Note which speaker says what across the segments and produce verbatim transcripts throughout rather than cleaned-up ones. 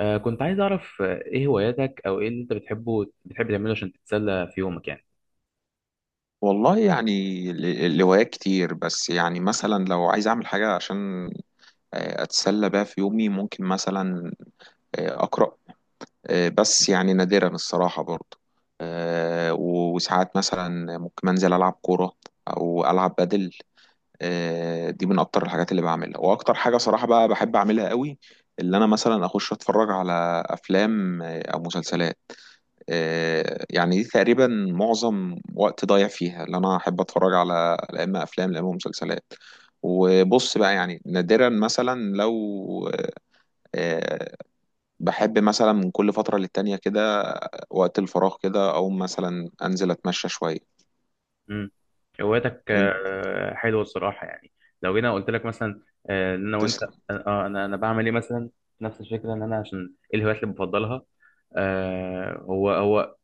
Speaker 1: آه كنت عايز أعرف آه، إيه هواياتك أو إيه اللي أنت بتحبه بتحب تعمله عشان تتسلى في يومك يعني.
Speaker 2: والله يعني ال- ال- الهوايات كتير، بس يعني مثلا لو عايز اعمل حاجة عشان آه، اتسلى بيها في يومي. ممكن مثلا آه، اقرأ، آه، بس يعني نادرا الصراحة برضه. آه، و- وساعات مثلا ممكن انزل العب كورة او العب بدل. آه، دي من اكتر الحاجات اللي بعملها، واكتر حاجة صراحة بقى بحب اعملها قوي، اللي انا مثلا اخش اتفرج على افلام آه، او مسلسلات. آه، يعني دي تقريبا معظم وقت ضايع فيها، اللي انا احب اتفرج على لا اما افلام لا اما مسلسلات. وبص بقى يعني نادرا مثلا لو آه، بحب مثلا من كل فترة للتانية كده وقت الفراغ كده، او مثلا انزل اتمشى شوية.
Speaker 1: مم. هواياتك
Speaker 2: انت
Speaker 1: آه حلوة الصراحة، يعني لو جينا قلت لك مثلا آه إن أنا وأنت،
Speaker 2: تسلم.
Speaker 1: آه أنا أنا بعمل إيه مثلا، نفس الفكرة إن أنا عشان إيه الهوايات اللي بفضلها. آه هو هو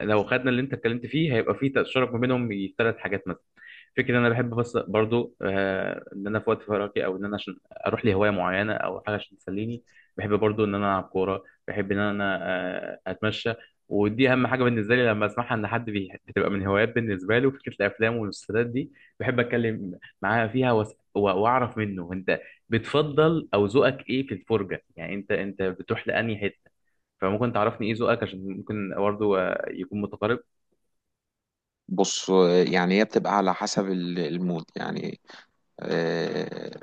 Speaker 1: لو خدنا اللي انت اتكلمت فيه هيبقى فيه تشارك ما بينهم ثلاث حاجات مثلا. فكرة ان انا بحب بس برضو آه، ان انا في وقت فراغي او ان انا عشان اروح لهواية معينة او حاجة عشان تسليني. بحب برضو ان انا العب كورة، بحب ان انا آه، اتمشى، ودي اهم حاجة بالنسبة لي لما اسمعها ان حد بي- بتبقى من هوايات بالنسبة له فكرة الافلام والمسلسلات دي. بحب اتكلم معاه فيها وأس- و- واعرف منه انت بتفضل او ذوقك ايه في الفرجة، يعني انت انت بتروح لانهي حتة. فممكن تعرفني ايه ذوقك عشان ممكن برضه آه، يكون متقارب.
Speaker 2: بص آه، يعني هي بتبقى على حسب ال- المود. يعني آه،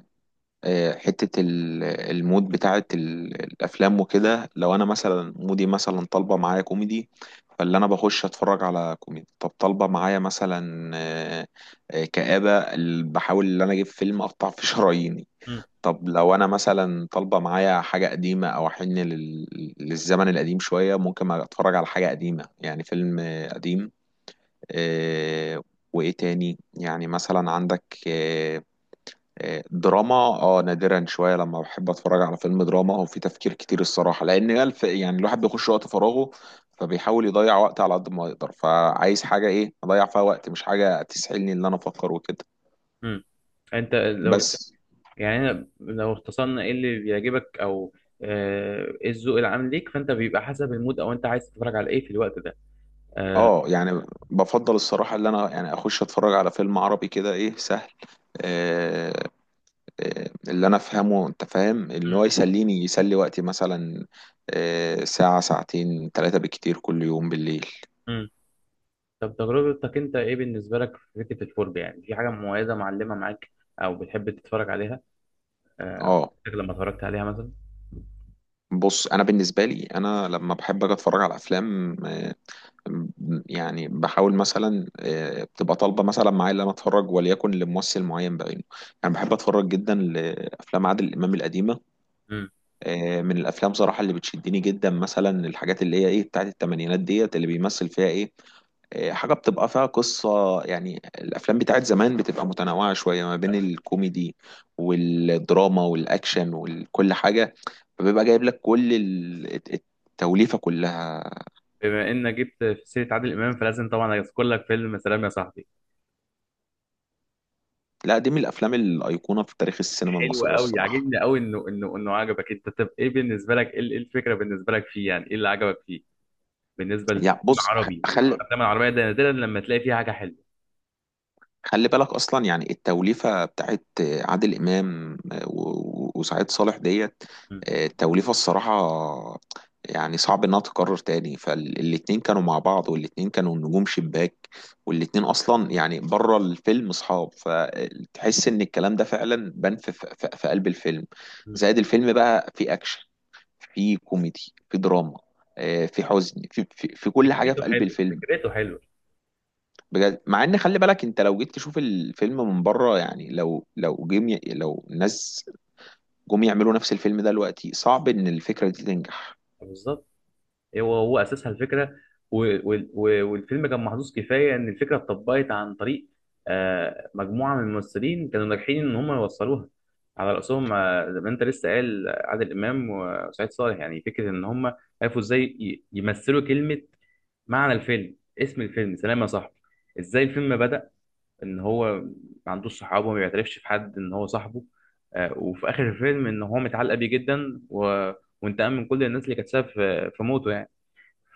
Speaker 2: آه، حتة ال- المود بتاعة ال- الأفلام وكده. لو أنا مثلا مودي مثلا طالبة معايا كوميدي، فاللي أنا بخش أتفرج على كوميدي. طب طالبة معايا مثلا آه، آه، كآبة، ال- بحاول إن أنا أجيب فيلم أقطع فيه شراييني.
Speaker 1: مم.
Speaker 2: طب لو أنا مثلا طالبة معايا حاجة قديمة أو أحن لل- للزمن القديم شوية، ممكن أتفرج على حاجة قديمة، يعني فيلم آه، قديم. آه، وإيه تاني؟ يعني مثلا عندك آه، دراما. اه نادرا شويه لما بحب اتفرج على فيلم دراما او في تفكير كتير الصراحه، لان الف يعني الواحد بيخش وقت فراغه فبيحاول يضيع وقت على قد ما يقدر، فعايز حاجه ايه اضيع فيها وقت، مش حاجه تسحلني ان انا افكر وكده.
Speaker 1: مم. انت لو
Speaker 2: بس
Speaker 1: يعني أنا لو اختصرنا ايه اللي بيعجبك او آه، ايه الذوق العام ليك، فانت بيبقى حسب المود او انت عايز تتفرج على ايه في الوقت ده آه،
Speaker 2: اه يعني بفضل الصراحه ان انا يعني اخش اتفرج على فيلم عربي كده ايه سهل، آه، آه، اللي انا افهمه، انت فاهم اللي
Speaker 1: مم.
Speaker 2: هو يسليني يسلي وقتي مثلا. آه، ساعه ساعتين ثلاثه بالكتير كل يوم بالليل.
Speaker 1: مم. طب تجربتك انت ايه بالنسبه لك في فكره الفرجه؟ يعني في حاجه مميزه معلمه معاك او بتحب تتفرج عليها آه،
Speaker 2: اه
Speaker 1: لما اتفرجت عليها مثلا؟
Speaker 2: بص انا بالنسبه لي انا لما بحب اجي اتفرج على افلام آه، يعني بحاول مثلا آه، بتبقى طالبه مثلا معايا ان انا اتفرج، وليكن لممثل معين بعينه. انا بحب اتفرج جدا لافلام عادل امام القديمه.
Speaker 1: مم.
Speaker 2: آه، من الافلام صراحه اللي بتشدني جدا مثلا الحاجات اللي هي ايه بتاعت الثمانينات ديت اللي بيمثل فيها ايه، إيه، حاجة بتبقى فيها قصة. يعني الأفلام بتاعت زمان بتبقى متنوعة شوية ما بين الكوميدي والدراما والأكشن وكل حاجة، فبيبقى جايب لك كل ال- الت- التوليفة كلها.
Speaker 1: بما انك جبت في سيره عادل امام فلازم طبعا اذكر لك فيلم سلام يا صاحبي.
Speaker 2: لا دي من الأفلام الأيقونة في تاريخ السينما
Speaker 1: حلو
Speaker 2: المصرية
Speaker 1: قوي،
Speaker 2: الصراحة.
Speaker 1: عاجبني قوي انه انه انه عجبك انت. طب ايه بالنسبه لك، ايه إيه الفكره بالنسبه لك فيه؟ يعني ايه اللي عجبك فيه؟ بالنسبه للفيلم
Speaker 2: يعني بص،
Speaker 1: العربي
Speaker 2: خلي
Speaker 1: والافلام العربيه ده نادرا لما تلاقي فيها حاجه حلوه.
Speaker 2: خلي بالك اصلا يعني التوليفه بتاعت عادل امام آه، و- و- وسعيد صالح ديت.
Speaker 1: م.
Speaker 2: آه، التوليفه الصراحه يعني صعب انها تتكرر تاني. فالاتنين كانوا مع بعض، والاتنين كانوا نجوم شباك، والاتنين اصلا يعني بره الفيلم اصحاب، فتحس ان الكلام ده فعلا بان في, في, في قلب الفيلم.
Speaker 1: م.
Speaker 2: زائد الفيلم بقى في اكشن، في كوميدي، في دراما، آه، في حزن، في, في, في كل حاجه
Speaker 1: فكرته
Speaker 2: في قلب
Speaker 1: حلوه،
Speaker 2: الفيلم.
Speaker 1: فكرته حلوه.
Speaker 2: بجد، مع ان خلي بالك انت لو جيت تشوف الفيلم من بره، يعني لو لو جم ي- لو الناس جم يعملوا نفس الفيلم ده دلوقتي، صعب ان الفكرة دي تنجح.
Speaker 1: بالظبط. هو هو اساسها الفكره، و- وال- و- والفيلم كان محظوظ كفايه ان الفكره اتطبقت عن طريق آه، مجموعه من الممثلين كانوا ناجحين ان هم يوصلوها. على راسهم آه، زي ما انت لسه قال عادل امام وسعيد صالح. يعني فكره ان هم عرفوا ازاي ي- يمثلوا كلمه، معنى الفيلم، اسم الفيلم سلام يا صاحبي. ازاي الفيلم بدأ؟ ان هو ما عندوش صحابه، ما بيعترفش في حد ان هو صاحبه، آه، وفي اخر الفيلم ان هو متعلق بيه جدا، و... وانتقام من كل الناس اللي كانت سبب في في موته يعني.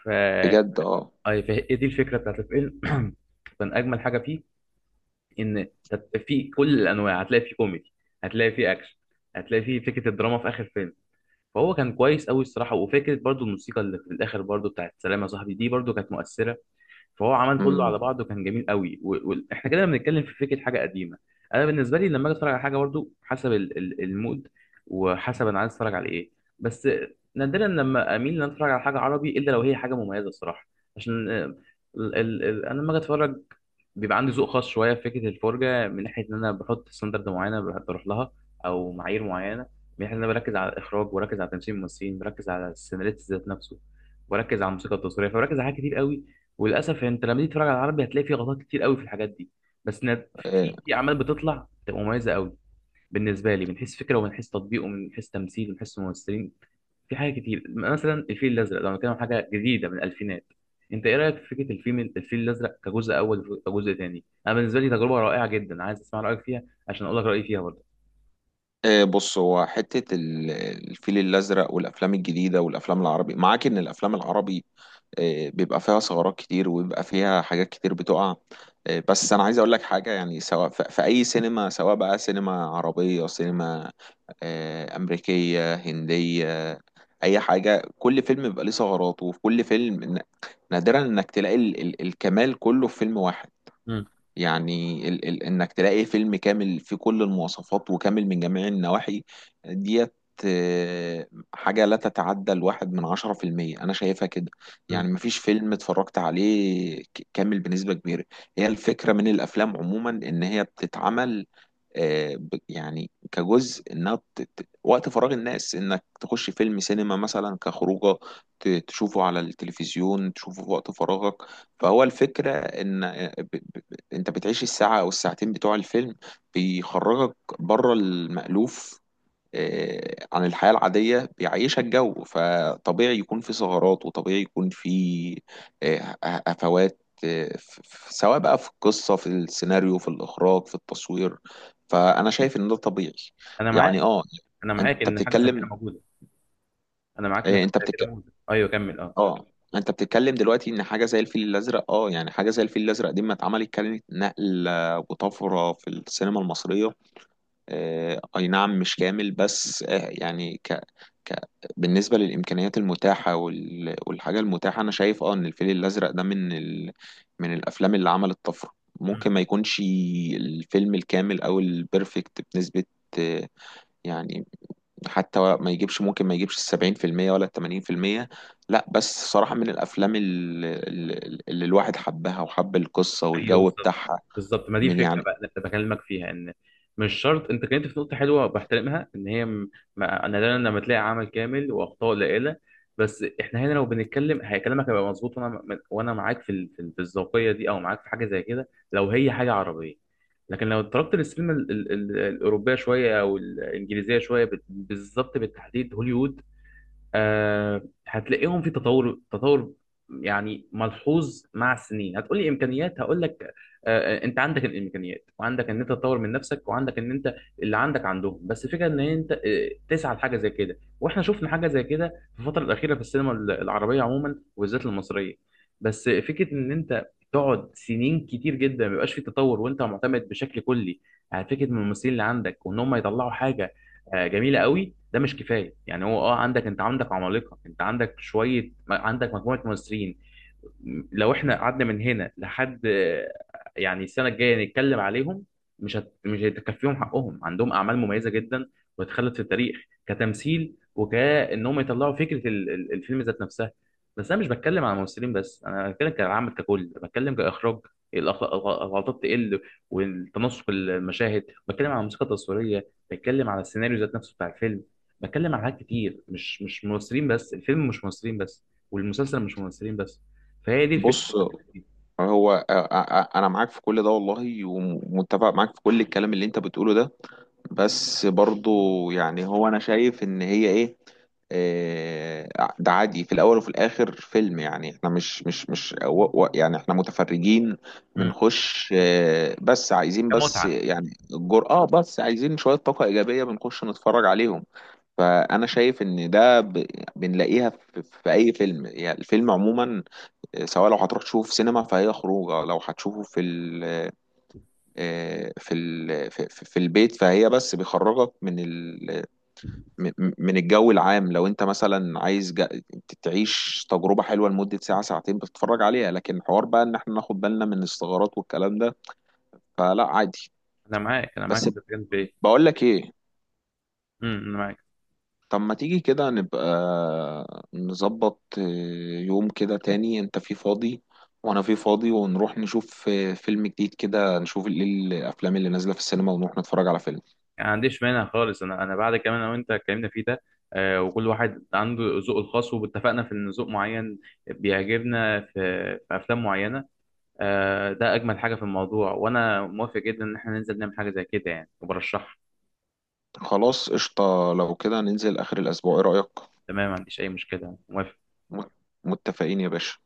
Speaker 1: ف
Speaker 2: بجد اه.
Speaker 1: أي ف- هي دي الفكره بتاعت الفيلم. كان اجمل حاجه فيه ان تت- في كل الانواع هتلاقي فيه كوميدي، هتلاقي فيه اكشن، هتلاقي فيه فكره الدراما في اخر فيلم. فهو كان كويس قوي الصراحه، وفكره برضو الموسيقى اللي في الاخر برضو بتاعت سلام يا صاحبي دي برضو كانت مؤثره. فهو عمل كله على
Speaker 2: امم.
Speaker 1: بعضه، كان جميل قوي. واحنا كده بنتكلم في فكره حاجه قديمه. انا بالنسبه لي لما اجي اتفرج على حاجه برضو حسب ال- ال- المود وحسب انا عايز اتفرج على ايه. بس نادرا لما اميل ان أنا اتفرج على حاجه عربي الا لو هي حاجه مميزه الصراحه. عشان آه، ال ال ال انا لما اجي اتفرج بيبقى عندي ذوق خاص شويه في فكره الفرجه، من ناحيه ان انا بحط ستاندرد معينه بروح لها او معايير معينه، من ناحيه ان انا بركز على الاخراج، وبركز على تمثيل الممثلين، بركز على السيناريست ذات نفسه، بركز على الموسيقى التصويريه. فبركز على حاجات كتير قوي. وللاسف يعني انت لما تيجي تتفرج على العربي هتلاقي فيه غلطات كتير قوي في الحاجات دي. بس نا- في
Speaker 2: آه،
Speaker 1: في في اعمال بتطلع بتبقى مميزه قوي بالنسبه لي، من حيث فكره ومن حيث تطبيق ومن حيث تمثيل ومن حيث ممثلين. في حاجات كتير، مثلا الفيل الازرق لو بنتكلم عن حاجه جديده من الالفينات. انت ايه رايك في فكره الفيلم الفيل الازرق كجزء اول وكجزء تاني؟ انا بالنسبه لي تجربه رائعه جدا، عايز اسمع رايك فيها عشان اقول لك رايي فيها برضه.
Speaker 2: آه، بص هو حتة ال- الفيل الأزرق والأفلام الجديدة والأفلام العربي، معاك إن الأفلام العربي آه، بيبقى فيها ثغرات كتير، وبيبقى فيها حاجات كتير بتقع. آه، بس انا عايز اقول لك حاجه، يعني سواء ف- في اي سينما، سواء بقى سينما عربيه، سينما آه، امريكيه، هنديه، اي حاجه، كل فيلم بيبقى ليه ثغراته. وفي كل فيلم ن- نادرا انك تلاقي ال ال الكمال كله في فيلم واحد.
Speaker 1: مم.
Speaker 2: يعني ال ال انك تلاقي فيلم كامل فيه كل المواصفات وكامل من جميع النواحي ديت، آه، حاجة لا تتعدى الواحد من عشرة في المية، أنا شايفها كده.
Speaker 1: مم.
Speaker 2: يعني مفيش فيلم اتفرجت عليه ك- كامل بنسبة كبيرة. هي الفكرة من الأفلام عموما إن هي بتتعمل آه، ب- يعني كجزء انها ت- ت- وقت فراغ الناس انك تخش فيلم سينما مثلا كخروجه. ت- تشوفه على التلفزيون تشوفه في وقت فراغك. فهو الفكره ان انت بتعيش الساعة او الساعتين بتوع الفيلم، بيخرجك بره المألوف آه، عن الحياة العادية، بيعيشك جو. فطبيعي يكون في ثغرات، وطبيعي يكون في آه، هفوات، آه، ف- ف- سواء بقى في القصة، في السيناريو، في الإخراج، في التصوير. فأنا شايف إن ده طبيعي.
Speaker 1: انا
Speaker 2: يعني
Speaker 1: معاك،
Speaker 2: آه.
Speaker 1: انا معاك
Speaker 2: أنت
Speaker 1: ان حاجه زي كده
Speaker 2: بتتكلم
Speaker 1: موجوده. انا معاك ان
Speaker 2: آه،
Speaker 1: حاجه
Speaker 2: أنت
Speaker 1: زي كده
Speaker 2: بتتكلم.
Speaker 1: موجوده، ايوه كمل اه.
Speaker 2: اه انت بتتكلم دلوقتي ان حاجه زي الفيل الازرق، اه يعني حاجه زي الفيل الازرق دي ما اتعملت كانت نقله وطفره في السينما المصريه. آه اي نعم، مش كامل، بس آه يعني ك... ك... بالنسبه للامكانيات المتاحه وال... والحاجه المتاحه، انا شايف اه ان الفيل الازرق ده من ال... من الافلام اللي عملت طفره. ممكن ما يكونش الفيلم الكامل او البرفكت بنسبه، آه، يعني، حتى ما يجيبش، ممكن ما يجيبش السبعين في المية ولا التمانين في المية. لا بس صراحة من الأفلام اللي, اللي الواحد حبها وحب القصة
Speaker 1: ايوه
Speaker 2: والجو
Speaker 1: بالظبط.
Speaker 2: بتاعها.
Speaker 1: بالظبط، ما دي
Speaker 2: من
Speaker 1: الفكره
Speaker 2: يعني
Speaker 1: بقى اللي بكلمك فيها، ان مش شرط. انت كلمت في نقطه حلوه بحترمها ان هي م... ما... انا لما تلاقي عمل كامل واخطاء قليله. بس احنا هنا لو بنتكلم هي كلامك هيبقى مظبوط، وانا م- وانا معاك في ال... في ال- في الذوقيه دي او معاك في حاجه زي كده لو هي حاجه عربيه. لكن لو اتطرقت للسينما ال... ال... ال- الاوروبيه شويه او الانجليزيه شويه بال- بالظبط، بالتحديد هوليوود، آه هتلاقيهم في تطور، تطور يعني ملحوظ مع السنين. هتقولي امكانيات، هقول لك آه آه، انت عندك الامكانيات، وعندك ان انت تطور من نفسك، وعندك ان انت اللي عندك عندهم. بس الفكره ان انت آه، تسعى لحاجه زي كده، واحنا شفنا حاجه زي كده في الفتره الاخيره في السينما ال- العربيه عموما وبالذات المصريه. بس فكره ان انت تقعد سنين كتير جدا ما بيبقاش في تطور، وانت معتمد بشكل كلي على فكره من الممثلين اللي عندك، وان هم يطلعوا حاجه آه، جميله قوي، ده مش كفايه. يعني هو اه عندك، انت عندك عمالقه، انت عندك شويه، عندك مجموعه ممثلين لو احنا قعدنا من هنا لحد آه، يعني السنه الجايه نتكلم عليهم مش هت... مش هيتكفيهم حقهم. عندهم اعمال مميزه جدا وتخلد في التاريخ كتمثيل، وكانهم يطلعوا فكره ال- ال- الفيلم ذات نفسها. بس انا مش بتكلم على الممثلين بس، انا بتكلم كعامة ككل، بتكلم كاخراج. الأخ- الغلطات تقل والتناسق المشاهد، بتكلم على الموسيقى التصويريه، بتكلم على السيناريو ذات نفسه بتاع الفيلم، بتكلم على حاجات كتير، مش مش ممثلين بس الفيلم، مش ممثلين بس، والمسلسل مش ممثلين بس. فهي دي
Speaker 2: بص
Speaker 1: الفكره.
Speaker 2: هو آه، آه، آه، انا معاك في كل ده والله، ومتفق معاك في كل الكلام اللي انت بتقوله ده. بس برضو يعني هو انا شايف ان هي ايه، آه، ده عادي، في الاول وفي الاخر فيلم. يعني احنا مش مش مش و- و- يعني احنا متفرجين
Speaker 1: مم.
Speaker 2: بنخش آه، بس عايزين، بس
Speaker 1: كمتعه.
Speaker 2: يعني الجرأة اه، بس عايزين شوية طاقة ايجابية بنخش نتفرج عليهم. فانا شايف ان ده ب- بنلاقيها في في اي فيلم. يعني الفيلم عموما، سواء لو هتروح تشوف سينما فهي خروجه، لو هتشوفه في ال آه، في ال في, في في البيت، فهي بس بيخرجك من ال من من الجو العام. لو انت مثلا عايز جا- تعيش تجربة حلوة لمدة ساعة ساعتين بتتفرج عليها، لكن حوار بقى ان احنا ناخد بالنا من الثغرات والكلام ده، فلا عادي.
Speaker 1: انا معاك، انا معاك
Speaker 2: بس.
Speaker 1: في الكلام في ايه.
Speaker 2: بقول لك ايه؟
Speaker 1: مم، انا معاك.
Speaker 2: طب ما تيجي كده نبقى نظبط آه، يوم كده تاني انت فيه فاضي وانا فيه فاضي، ونروح نشوف آه، فيلم جديد كده، نشوف ايه الافلام اللي نازلة في السينما، ونروح نتفرج على فيلم.
Speaker 1: يعني ما عنديش مانع خالص، انا انا بعد كمان انا وانت اتكلمنا فيه ده، آه وكل واحد عنده ذوقه الخاص، واتفقنا في ان ذوق معين بيعجبنا في, في افلام معينه. آه ده اجمل حاجه في الموضوع، وانا موافق جدا ان احنا ننزل نعمل حاجه زي كده يعني، وبرشحها.
Speaker 2: خلاص قشطة، لو كده ننزل اخر الاسبوع، ايه رأيك؟
Speaker 1: تمام، ما عنديش اي مشكله، موافق.
Speaker 2: مت- متفقين يا باشا.